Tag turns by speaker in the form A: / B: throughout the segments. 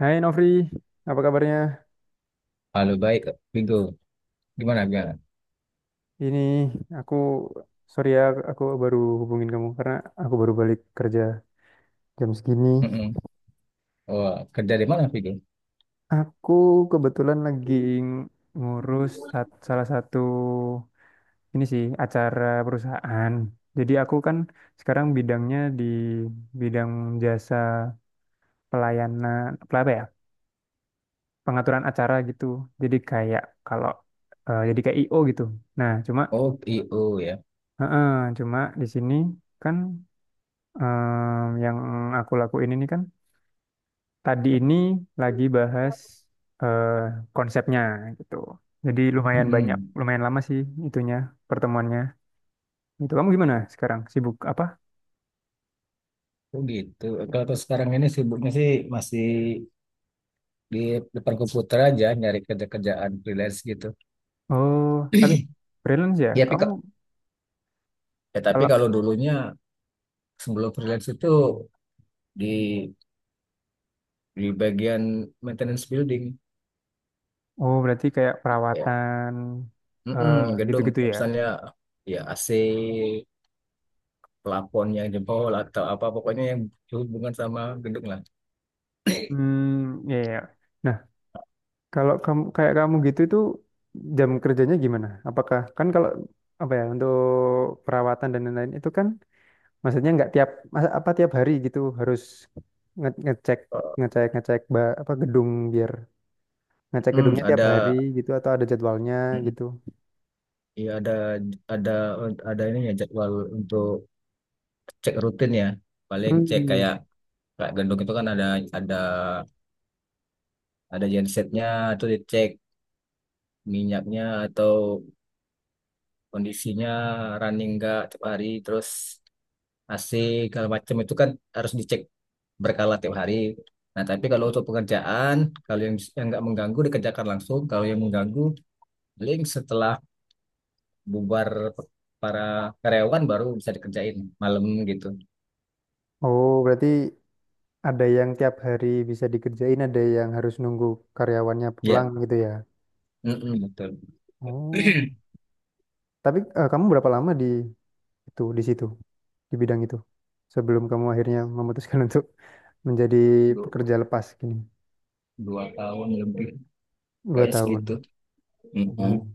A: Hai Novri, apa kabarnya?
B: Halo, baik, Vigo. Gimana, gimana?
A: Ini aku, sorry ya, aku baru hubungin kamu karena aku baru balik kerja jam segini.
B: Mm-mm. Oh, kerja di mana, Vigo?
A: Aku kebetulan lagi ng- ngurus salah satu ini sih acara perusahaan. Jadi aku kan sekarang bidangnya di bidang jasa pelayanan, apa ya? Pengaturan acara gitu. Jadi kayak kalau jadi kayak IO gitu. Nah,
B: Oh, PO ya.
A: eh, eh, cuma di sini kan. Yang aku lakuin ini kan tadi ini lagi bahas eh, konsepnya gitu. Jadi lumayan banyak,
B: Mm-mm.
A: lumayan lama sih itunya pertemuannya. Itu kamu gimana sekarang? Sibuk apa?
B: Oh gitu. Kalau tuh sekarang ini sibuknya sih masih di depan komputer aja nyari kerja-kerjaan freelance gitu.
A: Oh, tapi freelance ya?
B: Ya, tapi,
A: Kamu
B: ka- ya, tapi
A: kalau
B: kalau dulunya sebelum freelance itu di di bagian maintenance building
A: oh berarti kayak
B: ya.
A: perawatan
B: Mm-mm,
A: eh,
B: gedung
A: gitu-gitu ya?
B: misalnya ya AC, plafon yang jebol atau apa pokoknya yang berhubungan sama gedung lah.
A: Hmm, ya ya. Nah, kalau kamu kayak kamu gitu itu jam kerjanya gimana? Apakah kan kalau apa ya untuk perawatan dan lain-lain itu kan maksudnya nggak tiap apa tiap hari gitu harus ngecek ngecek ngecek apa gedung biar ngecek
B: Hmm,
A: gedungnya tiap
B: ada,
A: hari gitu atau ada jadwalnya
B: mm,
A: gitu.
B: iya, ada ada ini ya jadwal untuk cek rutin ya. Paling cek
A: Hmm.
B: kayak kayak gendong itu kan ada ada gensetnya, itu dicek minyaknya atau kondisinya running nggak tiap hari. Terus AC segala macam itu kan harus dicek berkala tiap hari. Nah, tapi kalau untuk pekerjaan, kalau yang nggak mengganggu dikerjakan langsung. Kalau yang mengganggu, paling setelah bubar para karyawan baru bisa dikerjain malam gitu.
A: Oh, berarti ada yang tiap hari bisa dikerjain, ada yang harus nunggu karyawannya
B: Ya,
A: pulang gitu ya.
B: mm-mm, betul.
A: Oh. Tapi kamu berapa lama di situ di bidang itu sebelum kamu akhirnya memutuskan untuk menjadi
B: Du-
A: pekerja lepas gini?
B: Dua tahun lebih
A: Dua
B: kayaknya segitu.
A: tahun.
B: Mm-mm.
A: Oh.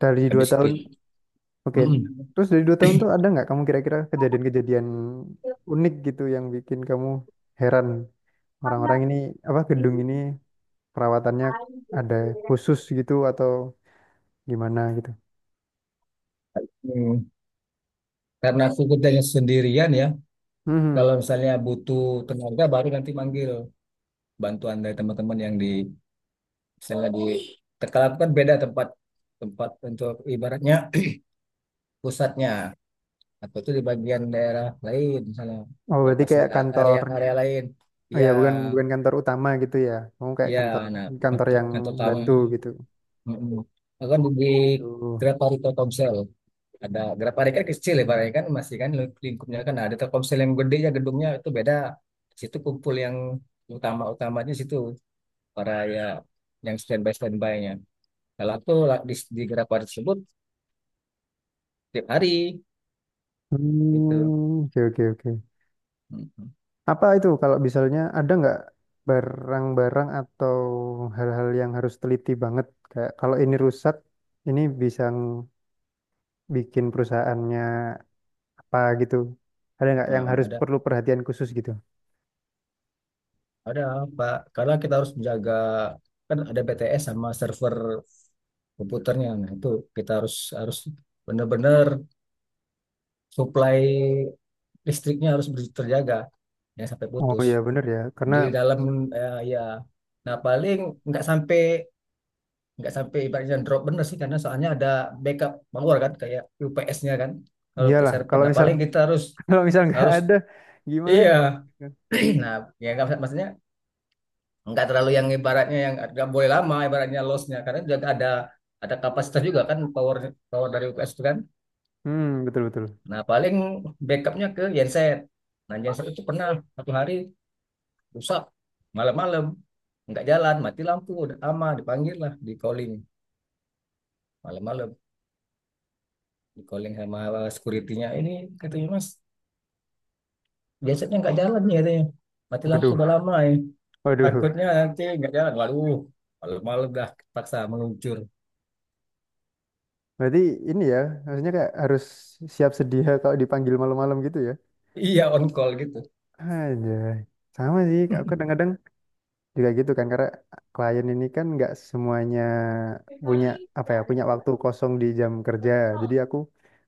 A: Dari dua
B: Habis
A: tahun
B: gitu.
A: Oke,
B: Mm-mm.
A: terus dari 2 tahun tuh ada nggak kamu kira-kira kejadian-kejadian unik gitu yang bikin kamu heran orang-orang ini apa gedung ini perawatannya ada khusus gitu atau gimana gitu?
B: Mm. Karena aku kerjanya sendirian ya. Kalau
A: Hmm,
B: misalnya butuh tenaga baru nanti manggil bantuan dari teman-teman yang di misalnya di Tekala kan beda tempat, tempat untuk ibaratnya pusatnya atau itu di bagian daerah lain, misalnya
A: oh berarti
B: lokasi
A: kayak kantornya,
B: area-area lain.
A: oh
B: Ya.
A: ya bukan bukan kantor utama gitu ya? Kamu kayak
B: Ya,
A: kantor
B: nah
A: kantor
B: faktor
A: yang
B: yang pertama,
A: bantu gitu?
B: mm Bahkan di
A: Oh gitu.
B: Graparita Telkomsel, ada Graparita kan kecil ya, barangnya kan masih kan lingkupnya kan. Nah, ada Telkomsel yang gede ya, gedungnya itu beda. Di situ kumpul yang utama-utamanya, di situ para ya yang standby standby-nya. Kalau aku di Graparita tersebut tiap hari gitu.
A: Hmm, oke oke oke.
B: Mm-mm.
A: Apa itu kalau misalnya ada nggak barang-barang atau hal-hal yang harus teliti banget kayak kalau ini rusak ini bisa bikin perusahaannya apa gitu. Ada nggak yang
B: Nah,
A: harus
B: ada
A: perlu perhatian khusus gitu?
B: Ada Pak, karena kita harus menjaga kan ada BTS sama server komputernya. Nah, itu kita harus harus benar-benar supply listriknya harus terjaga ya sampai
A: Oh
B: putus.
A: iya bener ya, karena
B: Di dalam ya, nah paling nggak sampai nggak sampai ibaratnya drop bener sih, karena soalnya ada backup power kan kayak UPS-nya kan kalau untuk
A: iyalah
B: server.
A: kalau
B: Nah,
A: misal
B: paling kita harus
A: kalau misal nggak
B: harus
A: ada
B: iya.
A: gimana?
B: Nah, ya nggak maksudnya nggak terlalu yang ibaratnya yang nggak boleh lama, ibaratnya lossnya, karena juga ada kapasitas juga kan, power power dari UKS itu kan.
A: Hmm, betul betul.
B: Nah paling backupnya ke genset. Nah, genset itu pernah satu hari rusak malam-malam nggak jalan, mati lampu udah aman, dipanggil lah, di calling malam-malam, di calling sama securitynya. Ini katanya mas, gensetnya nggak jalan nih katanya, mati lampu
A: Waduh
B: udah lama ya,
A: waduh.
B: takutnya nanti nggak jalan. Waduh, malam-malam dah paksa meluncur,
A: Berarti ini ya maksudnya kayak harus siap sedia kalau dipanggil malam-malam gitu ya?
B: iya on call gitu.
A: Aja sama sih. Aku kadang-kadang juga gitu kan, karena klien ini kan nggak semuanya punya, apa ya, punya waktu kosong di jam kerja. Jadi aku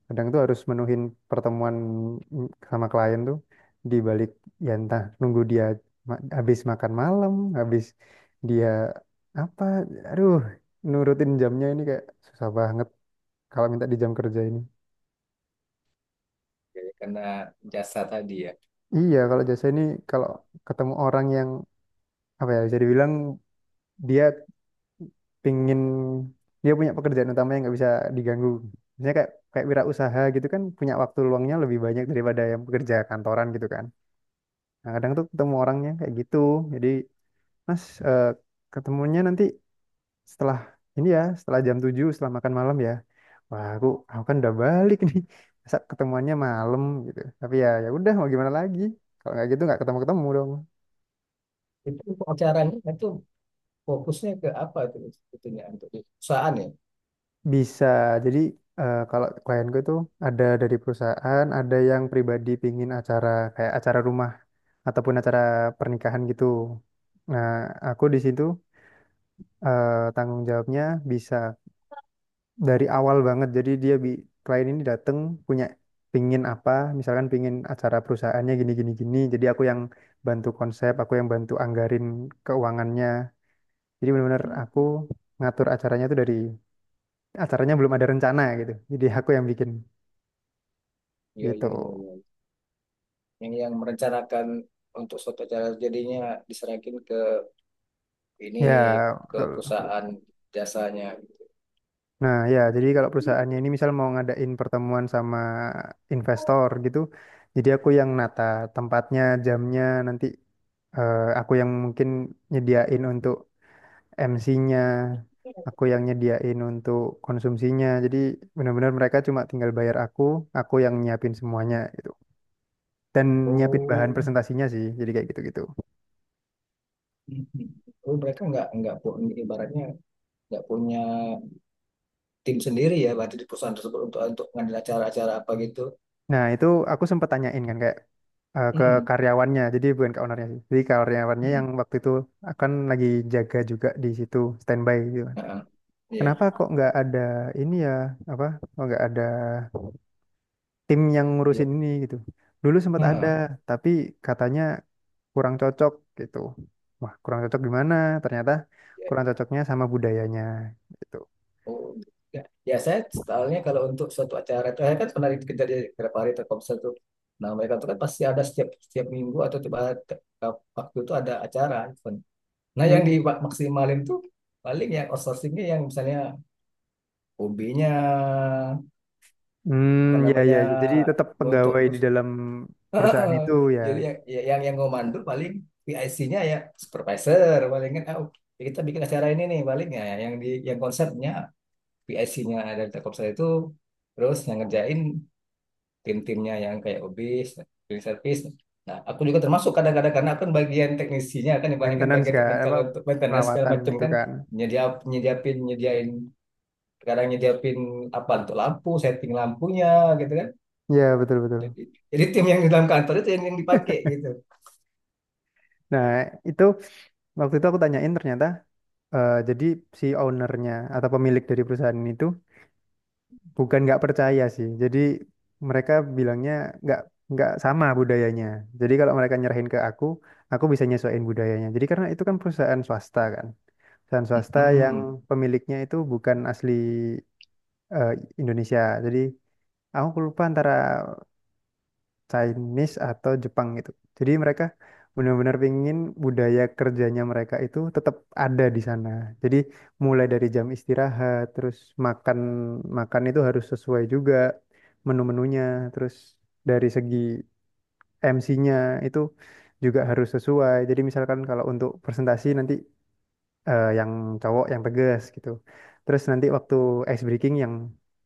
A: kadang tuh harus menuhin pertemuan sama klien tuh di balik, ya entah nunggu dia habis makan malam, habis dia apa, aduh, nurutin jamnya ini kayak susah banget kalau minta di jam kerja ini.
B: Jadi karena jasa tadi ya.
A: Iya, kalau jasa ini kalau ketemu orang yang apa ya, bisa dibilang dia pingin, dia punya pekerjaan utama yang nggak bisa diganggu. Misalnya kayak kayak wirausaha gitu kan, punya waktu luangnya lebih banyak daripada yang pekerja kantoran gitu kan. Nah, kadang tuh ketemu orangnya kayak gitu. Jadi, Mas, ketemunya nanti setelah ini ya, setelah jam 7, setelah makan malam ya. Wah, aku kan udah balik nih. Masa ketemuannya malam gitu. Tapi ya ya udah, mau gimana lagi? Kalau nggak gitu nggak ketemu-ketemu dong.
B: Itu acaranya itu fokusnya ke apa itu sebetulnya, untuk di perusahaan ya?
A: Bisa. Jadi kalau klienku itu ada dari perusahaan, ada yang pribadi pingin acara kayak acara rumah ataupun acara pernikahan gitu. Nah, aku di situ eh, tanggung jawabnya bisa dari awal banget. Jadi dia bi klien ini datang punya, pingin apa, misalkan pingin acara perusahaannya gini gini gini. Jadi aku yang bantu konsep, aku yang bantu anggarin keuangannya. Jadi benar-benar aku ngatur acaranya tuh dari acaranya belum ada rencana gitu. Jadi aku yang bikin.
B: Iya,
A: Gitu.
B: iya, iya, iya. Yang merencanakan untuk suatu acara jadinya diserahkan ke ini,
A: Ya,
B: ke
A: betul.
B: perusahaan jasanya.
A: Nah, ya, jadi kalau perusahaannya ini misal mau ngadain pertemuan sama investor gitu, jadi aku yang nata tempatnya, jamnya, nanti aku yang mungkin nyediain untuk MC-nya, aku yang nyediain untuk konsumsinya. Jadi benar-benar mereka cuma tinggal bayar aku yang nyiapin semuanya gitu. Dan nyiapin bahan
B: Oh,
A: presentasinya sih, jadi kayak gitu-gitu.
B: mhm. Oh, mereka nggak pu- ibaratnya nggak punya tim sendiri ya berarti di perusahaan tersebut, untuk ngambil acara-acara apa gitu.
A: Nah, itu aku sempat tanyain kan, kayak ke
B: Mhm,
A: karyawannya. Jadi bukan ke ownernya sih. Jadi karyawannya
B: mhm.
A: yang waktu itu akan lagi jaga juga di situ standby gitu kan.
B: Heeh, iya.
A: Kenapa kok nggak ada, ini ya, apa? Kok nggak ada tim yang
B: Iya.
A: ngurusin ini gitu. Dulu sempat ada,
B: Heeh.
A: tapi katanya kurang cocok gitu. Wah, kurang cocok gimana? Ternyata kurang cocoknya sama budayanya gitu.
B: Oh, ya, ya saya soalnya kalau untuk suatu acara itu, saya kan pernah kerja di beberapa hari Telkomsel tuh. Nah, mereka tuh kan pasti ada setiap setiap minggu atau tiap waktu itu ada acara event. Nah,
A: Hmm,
B: yang dimaksimalin tuh paling yang outsourcingnya, yang misalnya hobinya apa
A: hmm, ya
B: namanya
A: ya. Ya. Jadi tetap
B: untuk
A: pegawai di dalam perusahaan itu ya,
B: jadi yang ya, yang ngomandul paling PIC-nya ya, supervisor paling kan, ah, kita bikin acara ini nih, paling ya yang di, yang konsepnya PIC-nya dari Telkomsel itu, terus yang ngerjain tim-timnya yang kayak obis, cleaning service. Nah, aku juga termasuk kadang-kadang karena aku kan bagian teknisinya kan, ibaratnya kan
A: maintenance
B: bagian
A: kan
B: teknikal
A: apa,
B: untuk maintenance segala
A: perawatan
B: macam
A: gitu
B: kan,
A: kan.
B: nyedia nyediapin, nyediain, sekarang nyediapin apa untuk lampu, setting lampunya gitu kan.
A: Ya, betul betul.
B: Jadi tim yang di dalam kantor itu yang dipakai gitu.
A: Nah, itu waktu itu aku tanyain ternyata jadi si ownernya atau pemilik dari perusahaan itu bukan nggak percaya sih. Jadi mereka bilangnya nggak nggak sama budayanya. Jadi kalau mereka nyerahin ke aku bisa nyesuaiin budayanya. Jadi karena itu kan, perusahaan swasta yang
B: Mm-mm.
A: pemiliknya itu bukan asli eh, Indonesia. Jadi aku lupa antara Chinese atau Jepang gitu. Jadi mereka benar-benar pingin budaya kerjanya mereka itu tetap ada di sana. Jadi mulai dari jam istirahat, terus makan makan itu harus sesuai juga menu-menunya, terus dari segi MC-nya itu juga harus sesuai. Jadi misalkan kalau untuk presentasi nanti yang cowok yang tegas gitu. Terus nanti waktu ice breaking yang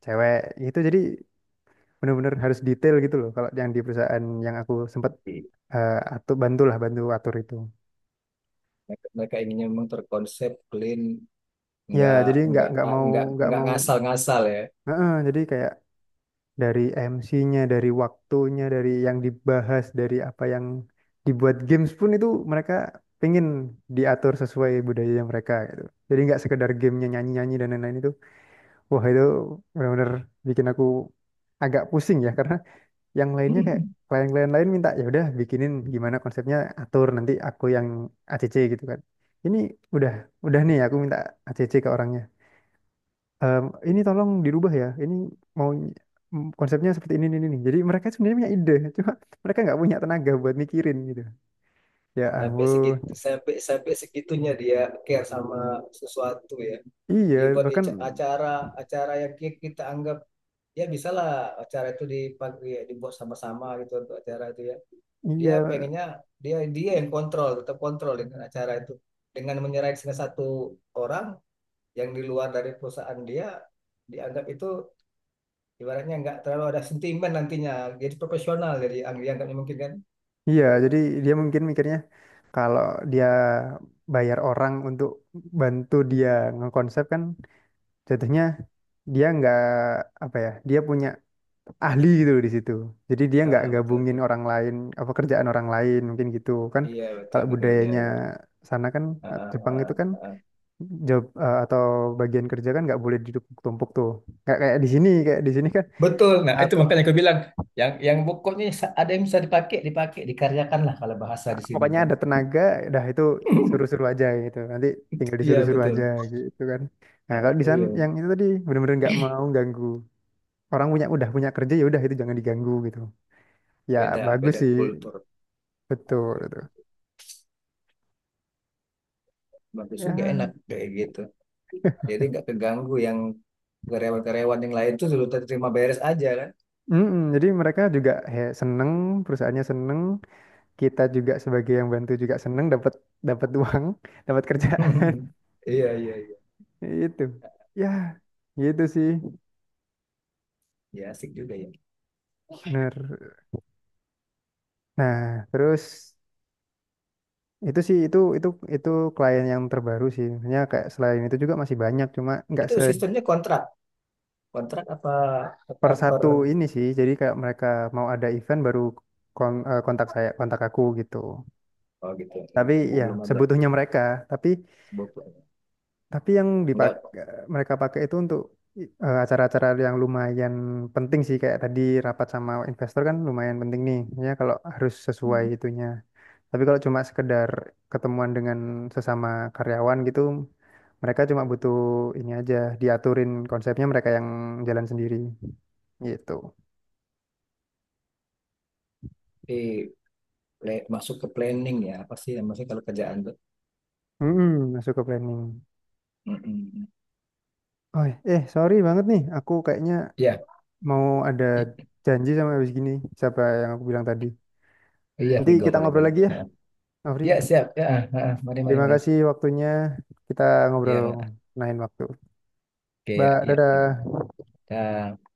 A: cewek, itu jadi benar-benar harus detail gitu loh kalau yang di perusahaan yang aku sempat atau bantulah bantu atur itu.
B: Mereka inginnya memang terkonsep clean,
A: Ya
B: nggak
A: jadi
B: nggak
A: nggak mau
B: nggak
A: nggak
B: nggak
A: mau.
B: ngasal-ngasal ya.
A: Heeh, jadi kayak dari MC-nya, dari waktunya, dari yang dibahas, dari apa yang dibuat games pun itu mereka pengen diatur sesuai budaya mereka gitu. Jadi nggak sekedar gamenya nyanyi nyanyi dan lain-lain itu. Wah, itu benar-benar bikin aku agak pusing ya karena yang lainnya kayak klien-klien lain minta ya udah, bikinin gimana konsepnya, atur, nanti aku yang ACC gitu kan. Ini udah udah nih aku minta ACC ke orangnya. Ehm, ini tolong dirubah ya, ini mau konsepnya seperti ini ini. Jadi mereka sebenarnya punya ide cuma mereka nggak punya tenaga buat mikirin gitu, ya
B: Sampai
A: ampun.
B: segitu, sampai sampai segitunya dia care sama sesuatu ya,
A: Iya
B: dibuat
A: bahkan.
B: acara, acara yang kita anggap ya bisalah, acara itu dipakai ya, dibuat sama-sama gitu untuk acara itu ya, dia
A: Iya
B: pengennya dia dia yang kontrol, tetap kontrol dengan acara itu, dengan menyerahkan salah satu orang yang di luar dari perusahaan dia, dianggap itu ibaratnya nggak terlalu ada sentimen nantinya, jadi profesional, jadi dianggapnya mungkin kan.
A: iya, jadi dia mungkin mikirnya kalau dia bayar orang untuk bantu dia ngekonsep kan, jatuhnya dia nggak, apa ya, dia punya ahli gitu loh di situ. Jadi dia nggak
B: Ah, betul
A: gabungin
B: betul.
A: orang lain apa kerjaan orang lain mungkin gitu kan.
B: Iya, betul
A: Kalau
B: betul ya,
A: budayanya
B: ya.
A: sana kan
B: Heeh,
A: Jepang
B: heeh,
A: itu kan,
B: heeh.
A: job atau bagian kerja kan nggak boleh ditumpuk-tumpuk tuh kayak kayak di sini, kayak di sini kan.
B: Betul. Nah, itu
A: Satu,
B: makanya aku bilang, yang pokoknya ada yang bisa dipakai, dipakai, dikaryakan lah kalau bahasa
A: ah,
B: di sini
A: pokoknya
B: kan.
A: ada tenaga dah, itu suruh-suruh aja gitu, nanti tinggal
B: Iya,
A: disuruh-suruh aja
B: betul.
A: gitu kan. Nah
B: Nah,
A: kalau di sana
B: iya,
A: yang itu tadi bener-bener nggak mau ganggu orang punya, udah punya kerja ya udah, itu jangan diganggu gitu. Ya
B: beda
A: bagus
B: beda
A: sih.
B: kultur.
A: Betul, betul.
B: Bagus juga, enak
A: Ya,
B: kayak gitu. Jadi nggak keganggu yang karyawan-karyawan yang lain tuh, sudah terima beres aja kan.
A: mm-mm. Jadi mereka juga, he, seneng, perusahaannya seneng, kita juga sebagai yang bantu juga seneng, dapat dapat uang, dapat kerja.
B: Iya, iya, iya.
A: Itu, ya, gitu sih,
B: Ya, asik juga ya.
A: bener. Nah, terus itu sih itu klien yang terbaru sih. Hanya kayak selain itu juga masih banyak, cuma nggak
B: Itu sistemnya kontrak. Kontrak apa, apa
A: per
B: per.
A: satu ini sih. Jadi kayak mereka mau ada event baru, kontak saya, kontak aku gitu.
B: Oh gitu.
A: Tapi
B: Enggak,
A: ya
B: belum ada
A: sebutuhnya mereka, tapi
B: sebut.
A: Tapi yang
B: Enggak.
A: mereka pakai itu untuk acara-acara yang lumayan penting sih kayak tadi, rapat sama investor kan lumayan penting nih ya, kalau harus sesuai itunya. Tapi kalau cuma sekedar ketemuan dengan sesama karyawan gitu, mereka cuma butuh ini aja, diaturin konsepnya, mereka yang jalan sendiri gitu.
B: Tapi masuk ke planning ya, apa sih yang maksudnya kalau kerjaan tuh.
A: Mm-mm, masuk ke planning.
B: Mm-mm.
A: Oh, sorry banget nih, aku kayaknya
B: Ya,
A: mau ada
B: i-
A: janji sama habis gini, siapa yang aku bilang tadi.
B: iya
A: Nanti
B: Vigo,
A: kita
B: boleh
A: ngobrol
B: boleh
A: lagi ya,
B: ya.
A: Afri.
B: Ya, siap ya, mari mari
A: Terima
B: mari
A: kasih waktunya. Kita ngobrol
B: ya Ma.
A: lain waktu.
B: Oke ya,
A: Mbak,
B: iya Vigo.
A: dadah.
B: Dah.